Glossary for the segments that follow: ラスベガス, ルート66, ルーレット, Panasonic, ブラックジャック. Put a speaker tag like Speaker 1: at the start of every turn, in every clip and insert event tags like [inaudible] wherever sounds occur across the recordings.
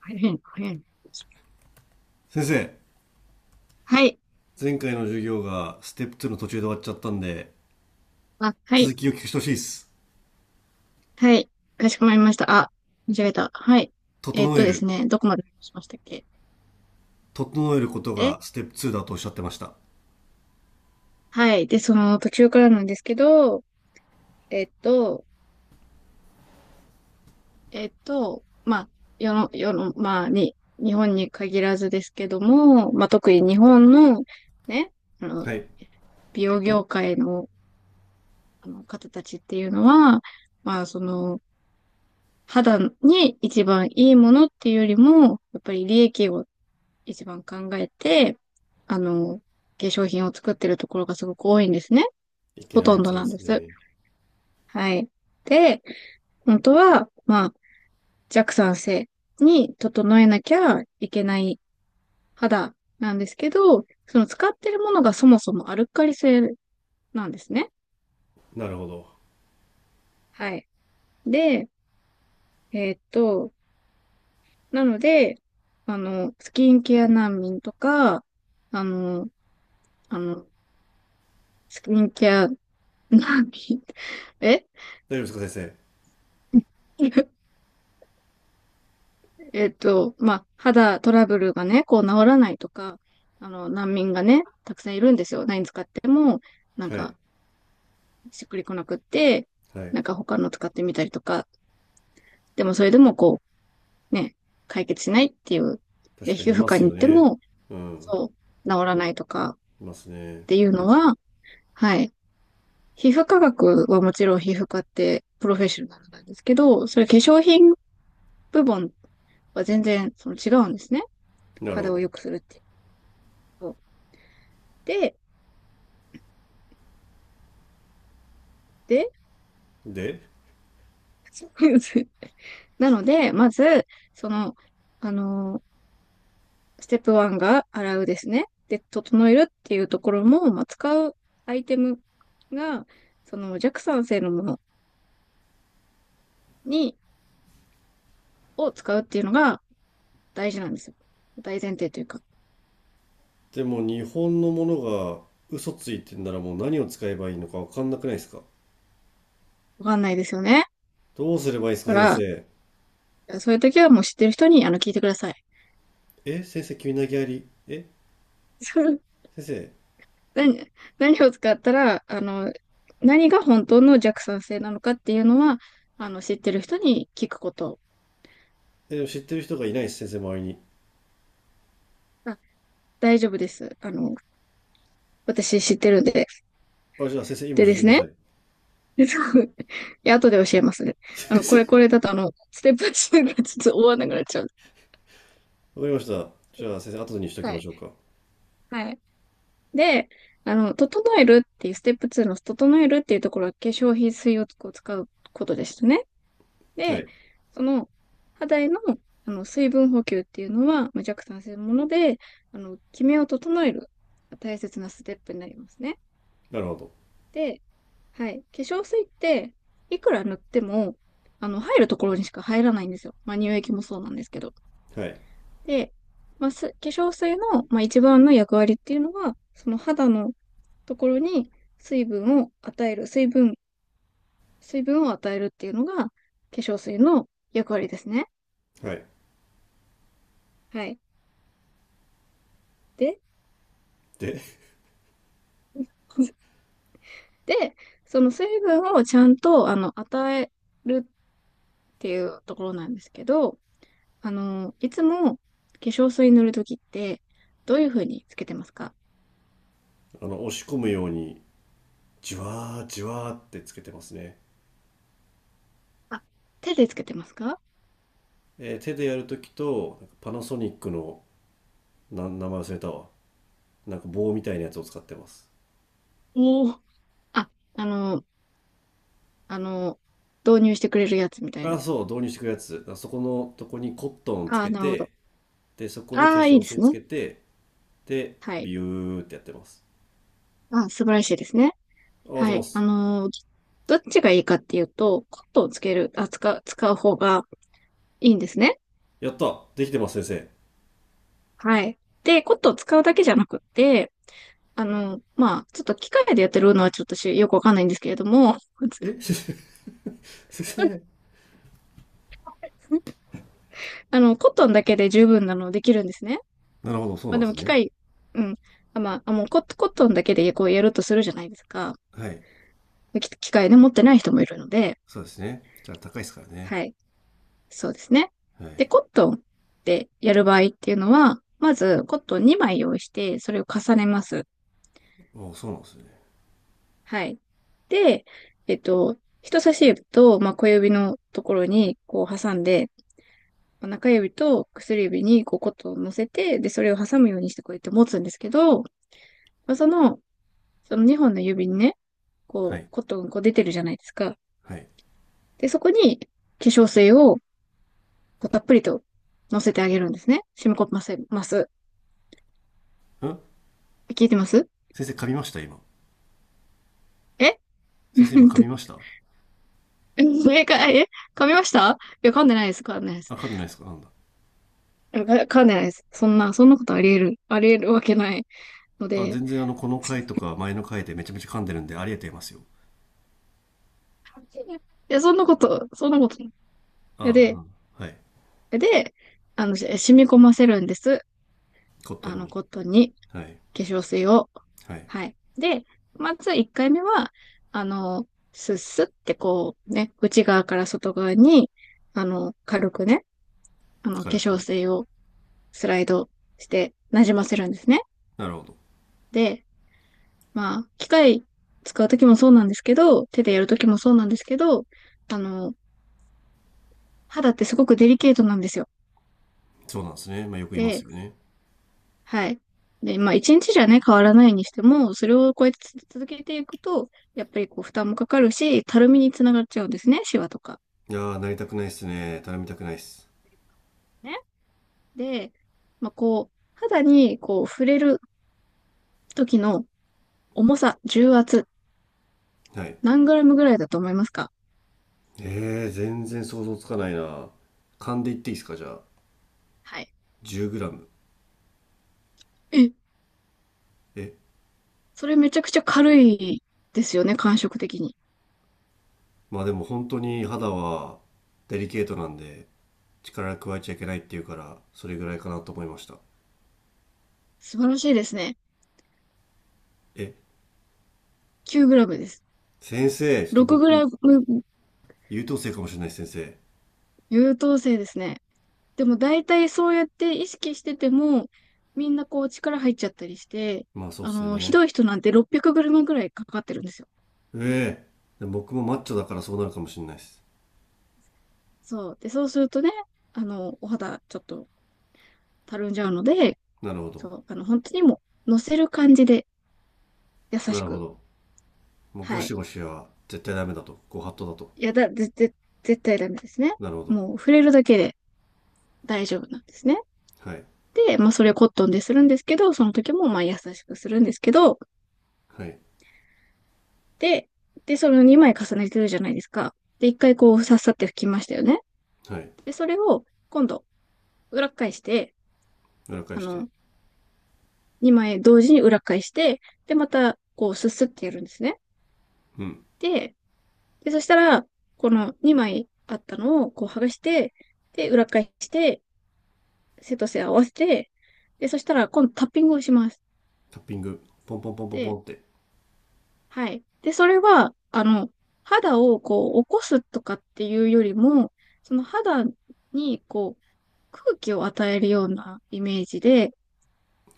Speaker 1: 大変、大変。
Speaker 2: 先生、
Speaker 1: はい。
Speaker 2: 前回の授業がステップ2の途中で終わっちゃったんで、
Speaker 1: あ、は
Speaker 2: 続
Speaker 1: い。
Speaker 2: きを聞くしてほしいです。
Speaker 1: はい。かしこまりました。あ、間違えた。はい。
Speaker 2: 整え
Speaker 1: です
Speaker 2: る。
Speaker 1: ね、どこまで話しましたっけ？
Speaker 2: 整えること
Speaker 1: え
Speaker 2: がステップ2だとおっしゃってました。
Speaker 1: はい。で、その途中からなんですけど、えーっと、まあ、世の、まあ、日本に限らずですけども、まあ、特に日本の、ね、あの、
Speaker 2: はい。
Speaker 1: 美容業界の、あの方たちっていうのは、まあ、その、肌に一番いいものっていうよりも、やっぱり利益を一番考えて、あの、化粧品を作ってるところがすごく多いんですね。
Speaker 2: いけ
Speaker 1: ほ
Speaker 2: ない
Speaker 1: と
Speaker 2: や
Speaker 1: んど
Speaker 2: つらで
Speaker 1: なんで
Speaker 2: す
Speaker 1: す。
Speaker 2: ね。
Speaker 1: はい。で、本当は、まあ、弱酸性に整えなきゃいけない肌なんですけど、その使ってるものがそもそもアルカリ性なんですね。
Speaker 2: なるほど。
Speaker 1: はい。で、えーっと、なので、スキンケア難民とか、あの、あの、スキンケア難民、[laughs] え
Speaker 2: 大丈夫ですか、先
Speaker 1: [laughs] まあ、肌トラブルがね、こう治らないとか、難民がね、たくさんいるんですよ。何使っても、なん
Speaker 2: 生。はい。
Speaker 1: か、しっくりこなくって、
Speaker 2: はい。
Speaker 1: なんか他の使ってみたりとか、でもそれでもこう、ね、解決しないっていう、で、
Speaker 2: 確か
Speaker 1: 皮
Speaker 2: にい
Speaker 1: 膚
Speaker 2: ま
Speaker 1: 科
Speaker 2: す
Speaker 1: に行っ
Speaker 2: よ
Speaker 1: て
Speaker 2: ね。
Speaker 1: も、
Speaker 2: うん。
Speaker 1: そう、治らないとかっ
Speaker 2: いますね。
Speaker 1: ていうのは、はい。皮膚科学はもちろん皮膚科ってプロフェッショナルなんですけど、それ化粧品部門は全然その違うんですね。
Speaker 2: なるほ
Speaker 1: 肌を
Speaker 2: ど。
Speaker 1: 良くするっていうこと。で、で、
Speaker 2: で、
Speaker 1: [laughs] なので、まず、その、あのステップ1が洗うですね。で、整えるっていうところも、まあ、使うアイテムが、その弱酸性のものに、を使うっていうのが大事なんですよ。大前提というか、
Speaker 2: でも日本のものが嘘ついてんならもう何を使えばいいのか分かんなくないですか。
Speaker 1: わかんないですよね。
Speaker 2: どうすればいいですか、
Speaker 1: だ
Speaker 2: 先
Speaker 1: か
Speaker 2: 生。
Speaker 1: ら、そういう時はもう知ってる人に、聞いてください。
Speaker 2: え、先生、急に投げやり。え、
Speaker 1: [laughs]
Speaker 2: 先生、
Speaker 1: 何、何を使ったら、何が本当の弱酸性なのかっていうのは、知ってる人に聞くこと。
Speaker 2: えー知ってる人がいないです、先生、周りに。
Speaker 1: が大丈夫です。私知ってるんで。
Speaker 2: あ、じゃあ先生、今
Speaker 1: で
Speaker 2: 教え
Speaker 1: で
Speaker 2: て
Speaker 1: す
Speaker 2: くだ
Speaker 1: ね。
Speaker 2: さ
Speaker 1: [laughs]
Speaker 2: い。
Speaker 1: でそう [laughs] いや、後で教えますね。
Speaker 2: [laughs] 先
Speaker 1: これ、こ
Speaker 2: 生。
Speaker 1: れだと、ステップ2がちょっと終わんなくなっちゃう。
Speaker 2: わかりました。じゃあ先生、後にしとき
Speaker 1: は
Speaker 2: ま
Speaker 1: い。
Speaker 2: しょうか。
Speaker 1: はい。で、整えるっていう、ステップ2の整えるっていうところは化粧品水をこう使うことでしたね。
Speaker 2: は
Speaker 1: で、
Speaker 2: い。
Speaker 1: その、肌への、水分補給っていうのは、まあ、弱酸性のもので、キメを整える大切なステップになりますね。
Speaker 2: なるほど。
Speaker 1: で、はい。化粧水って、いくら塗っても、入るところにしか入らないんですよ。まあ、乳液もそうなんですけど。
Speaker 2: はい。
Speaker 1: で、まあ、化粧水の、まあ、一番の役割っていうのは、その肌のところに水分を与える、水分、水分を与えるっていうのが、化粧水の役割ですね。
Speaker 2: はい。
Speaker 1: はい。で、
Speaker 2: で、
Speaker 1: [laughs] で、その水分をちゃんと、与えるっていうところなんですけど、いつも化粧水塗るときって、どういうふうにつけてますか？
Speaker 2: あの、押し込むように、じわーじわーってつけてますね。
Speaker 1: あ、手でつけてますか？
Speaker 2: えー手でやるときと、なんかパナソニックの、名前忘れたわ。なんか棒みたいなやつを使ってます。
Speaker 1: おおー。あ、あの、あの、導入してくれるやつみたい
Speaker 2: あ、
Speaker 1: な。
Speaker 2: そう、導入してくるやつ。あそこのとこにコットンつ
Speaker 1: あ
Speaker 2: け
Speaker 1: あ、なるほど。
Speaker 2: て、で、そこに化
Speaker 1: ああ、いい
Speaker 2: 粧
Speaker 1: です
Speaker 2: 水つ
Speaker 1: ね。
Speaker 2: けて、で、
Speaker 1: はい。
Speaker 2: ビューってやってます。
Speaker 1: あ、素晴らしいですね。
Speaker 2: あ、ありがとうござ
Speaker 1: は
Speaker 2: いま
Speaker 1: い。
Speaker 2: す。
Speaker 1: どっちがいいかっていうと、コットンをつける、あ、使う、使う方がいいんですね。
Speaker 2: やったできてます、先生。
Speaker 1: はい。で、コットンを使うだけじゃなくって、まあ、ちょっと機械でやってるのはちょっと私よくわかんないんですけれども、
Speaker 2: え先生 [laughs] 先生、
Speaker 1: [laughs] コットンだけで十分なのできるんですね。
Speaker 2: なるほど、そう
Speaker 1: まあ
Speaker 2: なん
Speaker 1: で
Speaker 2: で
Speaker 1: も
Speaker 2: す
Speaker 1: 機
Speaker 2: ね。
Speaker 1: 械、うん。あ、まあ、あもうコ、コットンだけでこうやるとするじゃないですか。
Speaker 2: はい。
Speaker 1: 機械で持ってない人もいるので、
Speaker 2: そうですね。じゃあ高いですからね。
Speaker 1: はい。そうですね。
Speaker 2: は
Speaker 1: で、
Speaker 2: い。
Speaker 1: コットンでやる場合っていうのは、まずコットン2枚用意して、それを重ねます。
Speaker 2: お、そうなんですね。
Speaker 1: はい。で、えっと、人差し指と、まあ、小指のところにこう挟んで、まあ中指と薬指にこうコットンを乗せて、で、それを挟むようにしてこうやって持つんですけど、まあその、その2本の指にね、
Speaker 2: は
Speaker 1: こう、
Speaker 2: い。
Speaker 1: コットンこう出てるじゃないですか。
Speaker 2: はい。ん、
Speaker 1: で、そこに化粧水をこうたっぷりと乗せてあげるんですね。染み込ませます。聞いてます？
Speaker 2: 先生噛みました今。
Speaker 1: え
Speaker 2: 先
Speaker 1: [laughs]
Speaker 2: 生今噛みました。
Speaker 1: え、か、[laughs] え噛みました？いや、噛んでないです。噛んでないで
Speaker 2: あ、
Speaker 1: す。
Speaker 2: 噛んでないですか、なんだ。
Speaker 1: 噛んでないです。そんなことあり得るわけないの
Speaker 2: あ、
Speaker 1: で。
Speaker 2: 全然あの、この回とか前の回でめちゃめちゃ噛んでるんでありえてますよ。
Speaker 1: いや、そんなこと
Speaker 2: あ
Speaker 1: で、
Speaker 2: あ、はい。
Speaker 1: で、染み込ませるんです。
Speaker 2: コットンに。
Speaker 1: コットンに。
Speaker 2: はい。
Speaker 1: 化粧水を。
Speaker 2: はい。
Speaker 1: はい。で、まず1回目は、あの、スッスってこうね、内側から外側に、軽くね、化
Speaker 2: 軽
Speaker 1: 粧
Speaker 2: く。
Speaker 1: 水をスライドして馴染ませるんですね。
Speaker 2: なるほど。
Speaker 1: で、まあ、機械使うときもそうなんですけど、手でやるときもそうなんですけど、あの、肌ってすごくデリケートなんですよ。
Speaker 2: そうなんですね。まあよく言います
Speaker 1: で、
Speaker 2: よね。
Speaker 1: はい。で、まあ、一日じゃね、変わらないにしても、それをこうやって続けていくと、やっぱりこう、負担もかかるし、たるみにつながっちゃうんですね、シワとか。
Speaker 2: いやー、なりたくないっすね。頼みたくないっす。
Speaker 1: ね。で、まあ、こう、肌にこう、触れる時の重さ、重圧、
Speaker 2: はい。
Speaker 1: 何グラムぐらいだと思いますか？
Speaker 2: えー、全然想像つかないな。噛んでいっていいですかじゃあ。
Speaker 1: はい。
Speaker 2: 10グラム、
Speaker 1: え、
Speaker 2: え、
Speaker 1: それめちゃくちゃ軽いですよね、感触的に。
Speaker 2: まあでも本当に肌はデリケートなんで力加えちゃいけないっていうからそれぐらいかなと思いました。
Speaker 1: 素晴らしいですね。
Speaker 2: え、
Speaker 1: 9グラムです。
Speaker 2: 先生、ちょっと僕
Speaker 1: 6グラム
Speaker 2: 優等生かもしれないです先
Speaker 1: 優等生ですね。でも大体そうやって意識してても、みんなこう力入っちゃったりして、
Speaker 2: 生。まあそうっすよ
Speaker 1: ひど
Speaker 2: ね。
Speaker 1: い人なんて600ムぐらいかかってるんですよ。
Speaker 2: ええ。でも僕もマッチョだからそうなるかもしれないです。
Speaker 1: そう。で、そうするとね、お肌ちょっとたるんじゃうので、
Speaker 2: なるほ
Speaker 1: そ
Speaker 2: ど。
Speaker 1: う、本当にもう乗せる感じで優
Speaker 2: な
Speaker 1: し
Speaker 2: るほ
Speaker 1: く。
Speaker 2: ど、もうゴ
Speaker 1: は
Speaker 2: シ
Speaker 1: い。
Speaker 2: ゴシは絶対ダメだと、ご法度だと。
Speaker 1: いやだ、絶対ダメですね。
Speaker 2: なるほど。
Speaker 1: もう触れるだけで大丈夫なんですね。
Speaker 2: はい
Speaker 1: で、まあそれをコットンでするんですけど、その時もまあ優しくするんですけど、
Speaker 2: はい
Speaker 1: で、で、その2枚重ねてるじゃないですか。で、1回こう、さっさって拭きましたよね。
Speaker 2: はい。
Speaker 1: で、それを、今度、裏返して、
Speaker 2: 裏返
Speaker 1: あ
Speaker 2: して。
Speaker 1: の、2枚同時に裏返して、で、また、こう、すすってやるんですね。
Speaker 2: うん。
Speaker 1: で、で、そしたら、この2枚あったのを、こう、剥がして、で、裏返して、背と背合わせて、で、そしたら、今度タッピングをします。
Speaker 2: タッピング、ポンポンポンポンポ
Speaker 1: で、
Speaker 2: ンって。
Speaker 1: はい。で、それは、肌をこう、起こすとかっていうよりも、その肌に空気を与えるようなイメージで、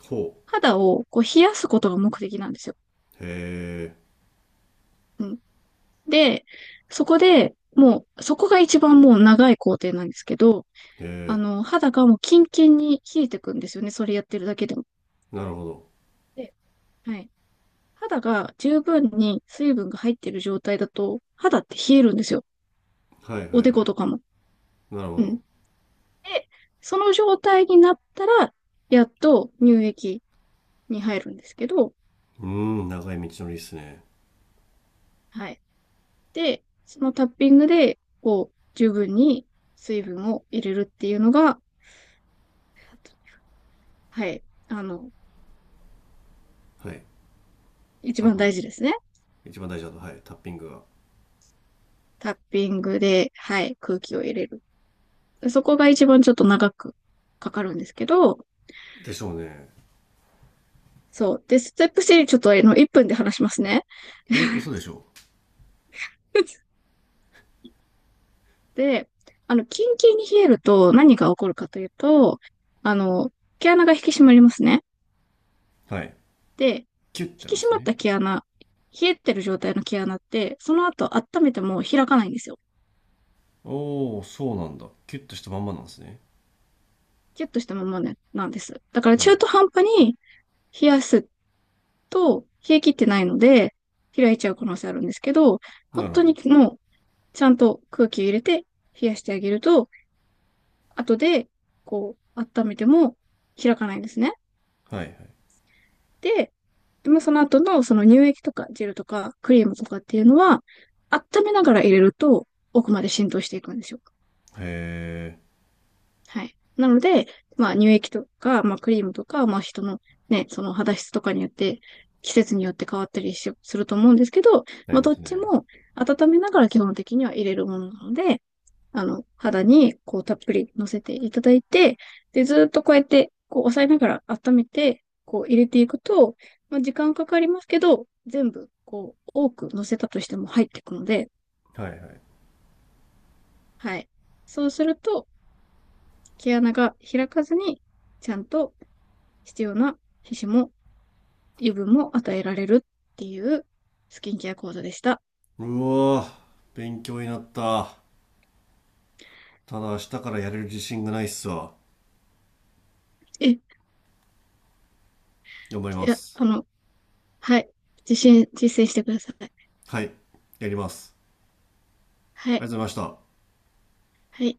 Speaker 2: ほ。
Speaker 1: 肌をこう冷やすことが目的なんですよ。
Speaker 2: うへえ。
Speaker 1: うん。で、そこで、もう、そこが一番もう長い工程なんですけど、
Speaker 2: へえ。
Speaker 1: 肌がもうキンキンに冷えてくんですよね。それやってるだけでも。
Speaker 2: なるほど。
Speaker 1: で、はい。肌が十分に水分が入ってる状態だと、肌って冷えるんですよ。
Speaker 2: はいはいは
Speaker 1: お
Speaker 2: い。
Speaker 1: でことかも。
Speaker 2: なるほ
Speaker 1: うん。
Speaker 2: ど。
Speaker 1: で、その状態になったら、やっと乳液に入るんですけど、
Speaker 2: うーん、長い道のりっすね。
Speaker 1: はい。で、そのタッピングで、こう、十分に水分を入れるっていうのが、はい、
Speaker 2: はい。
Speaker 1: 一
Speaker 2: あ
Speaker 1: 番
Speaker 2: の、
Speaker 1: 大事ですね。
Speaker 2: 一番大事だと、はい、タッピングが。
Speaker 1: タッピングで、はい、空気を入れる。そこが一番ちょっと長くかかるんですけど、
Speaker 2: でしょうね。
Speaker 1: そう。で、ステップ3ちょっと1分で話しますね。
Speaker 2: え、嘘でしょ
Speaker 1: [laughs] で、キンキンに冷えると何が起こるかというと、あの、毛穴が引き締まりますね。
Speaker 2: う。はい。
Speaker 1: で、引
Speaker 2: キュッてな
Speaker 1: き
Speaker 2: んで
Speaker 1: 締
Speaker 2: す
Speaker 1: まっ
Speaker 2: ね。
Speaker 1: た毛穴、冷えてる状態の毛穴って、その後温めても開かないんですよ。
Speaker 2: おー、そうなんだ。キュッとしたまんまなんですね。
Speaker 1: キュッとしたままね、なんです。だから
Speaker 2: は
Speaker 1: 中
Speaker 2: い。
Speaker 1: 途半端に冷やすと、冷え切ってないので、開いちゃう可能性あるんですけど、本
Speaker 2: なるほ
Speaker 1: 当
Speaker 2: ど。
Speaker 1: にもう、ちゃんと空気を入れて冷やしてあげると、後で、こう、温めても開かないんですね。
Speaker 2: はいはい。
Speaker 1: で、でもその後のその乳液とかジェルとかクリームとかっていうのは、温めながら入れると奥まで浸透していくんですよ。
Speaker 2: へ
Speaker 1: はい。なので、まあ乳液とか、まあクリームとか、まあ人のね、その肌質とかによって、季節によって変わったりしすると思うんですけど、
Speaker 2: ー、な
Speaker 1: ま
Speaker 2: り
Speaker 1: あ
Speaker 2: ま
Speaker 1: どっ
Speaker 2: す
Speaker 1: ち
Speaker 2: ね。
Speaker 1: も温めながら基本的には入れるものなので、肌にこうたっぷり乗せていただいて、で、ずーっとこうやってこう押さえながら温めて、こう入れていくと、まあ時間かかりますけど、全部こう多く乗せたとしても入っていくので、
Speaker 2: はいはい。
Speaker 1: はい。そうすると毛穴が開かずにちゃんと必要な皮脂も油分も与えられるっていうスキンケア講座でした。
Speaker 2: うわー、勉強になった。ただ明日からやれる自信がないっすわ。
Speaker 1: え、い
Speaker 2: 頑張りま
Speaker 1: や、
Speaker 2: す。
Speaker 1: はい。実践してください。
Speaker 2: はい、やります。ありがとう
Speaker 1: は
Speaker 2: ご
Speaker 1: い。
Speaker 2: ざいました。
Speaker 1: はい。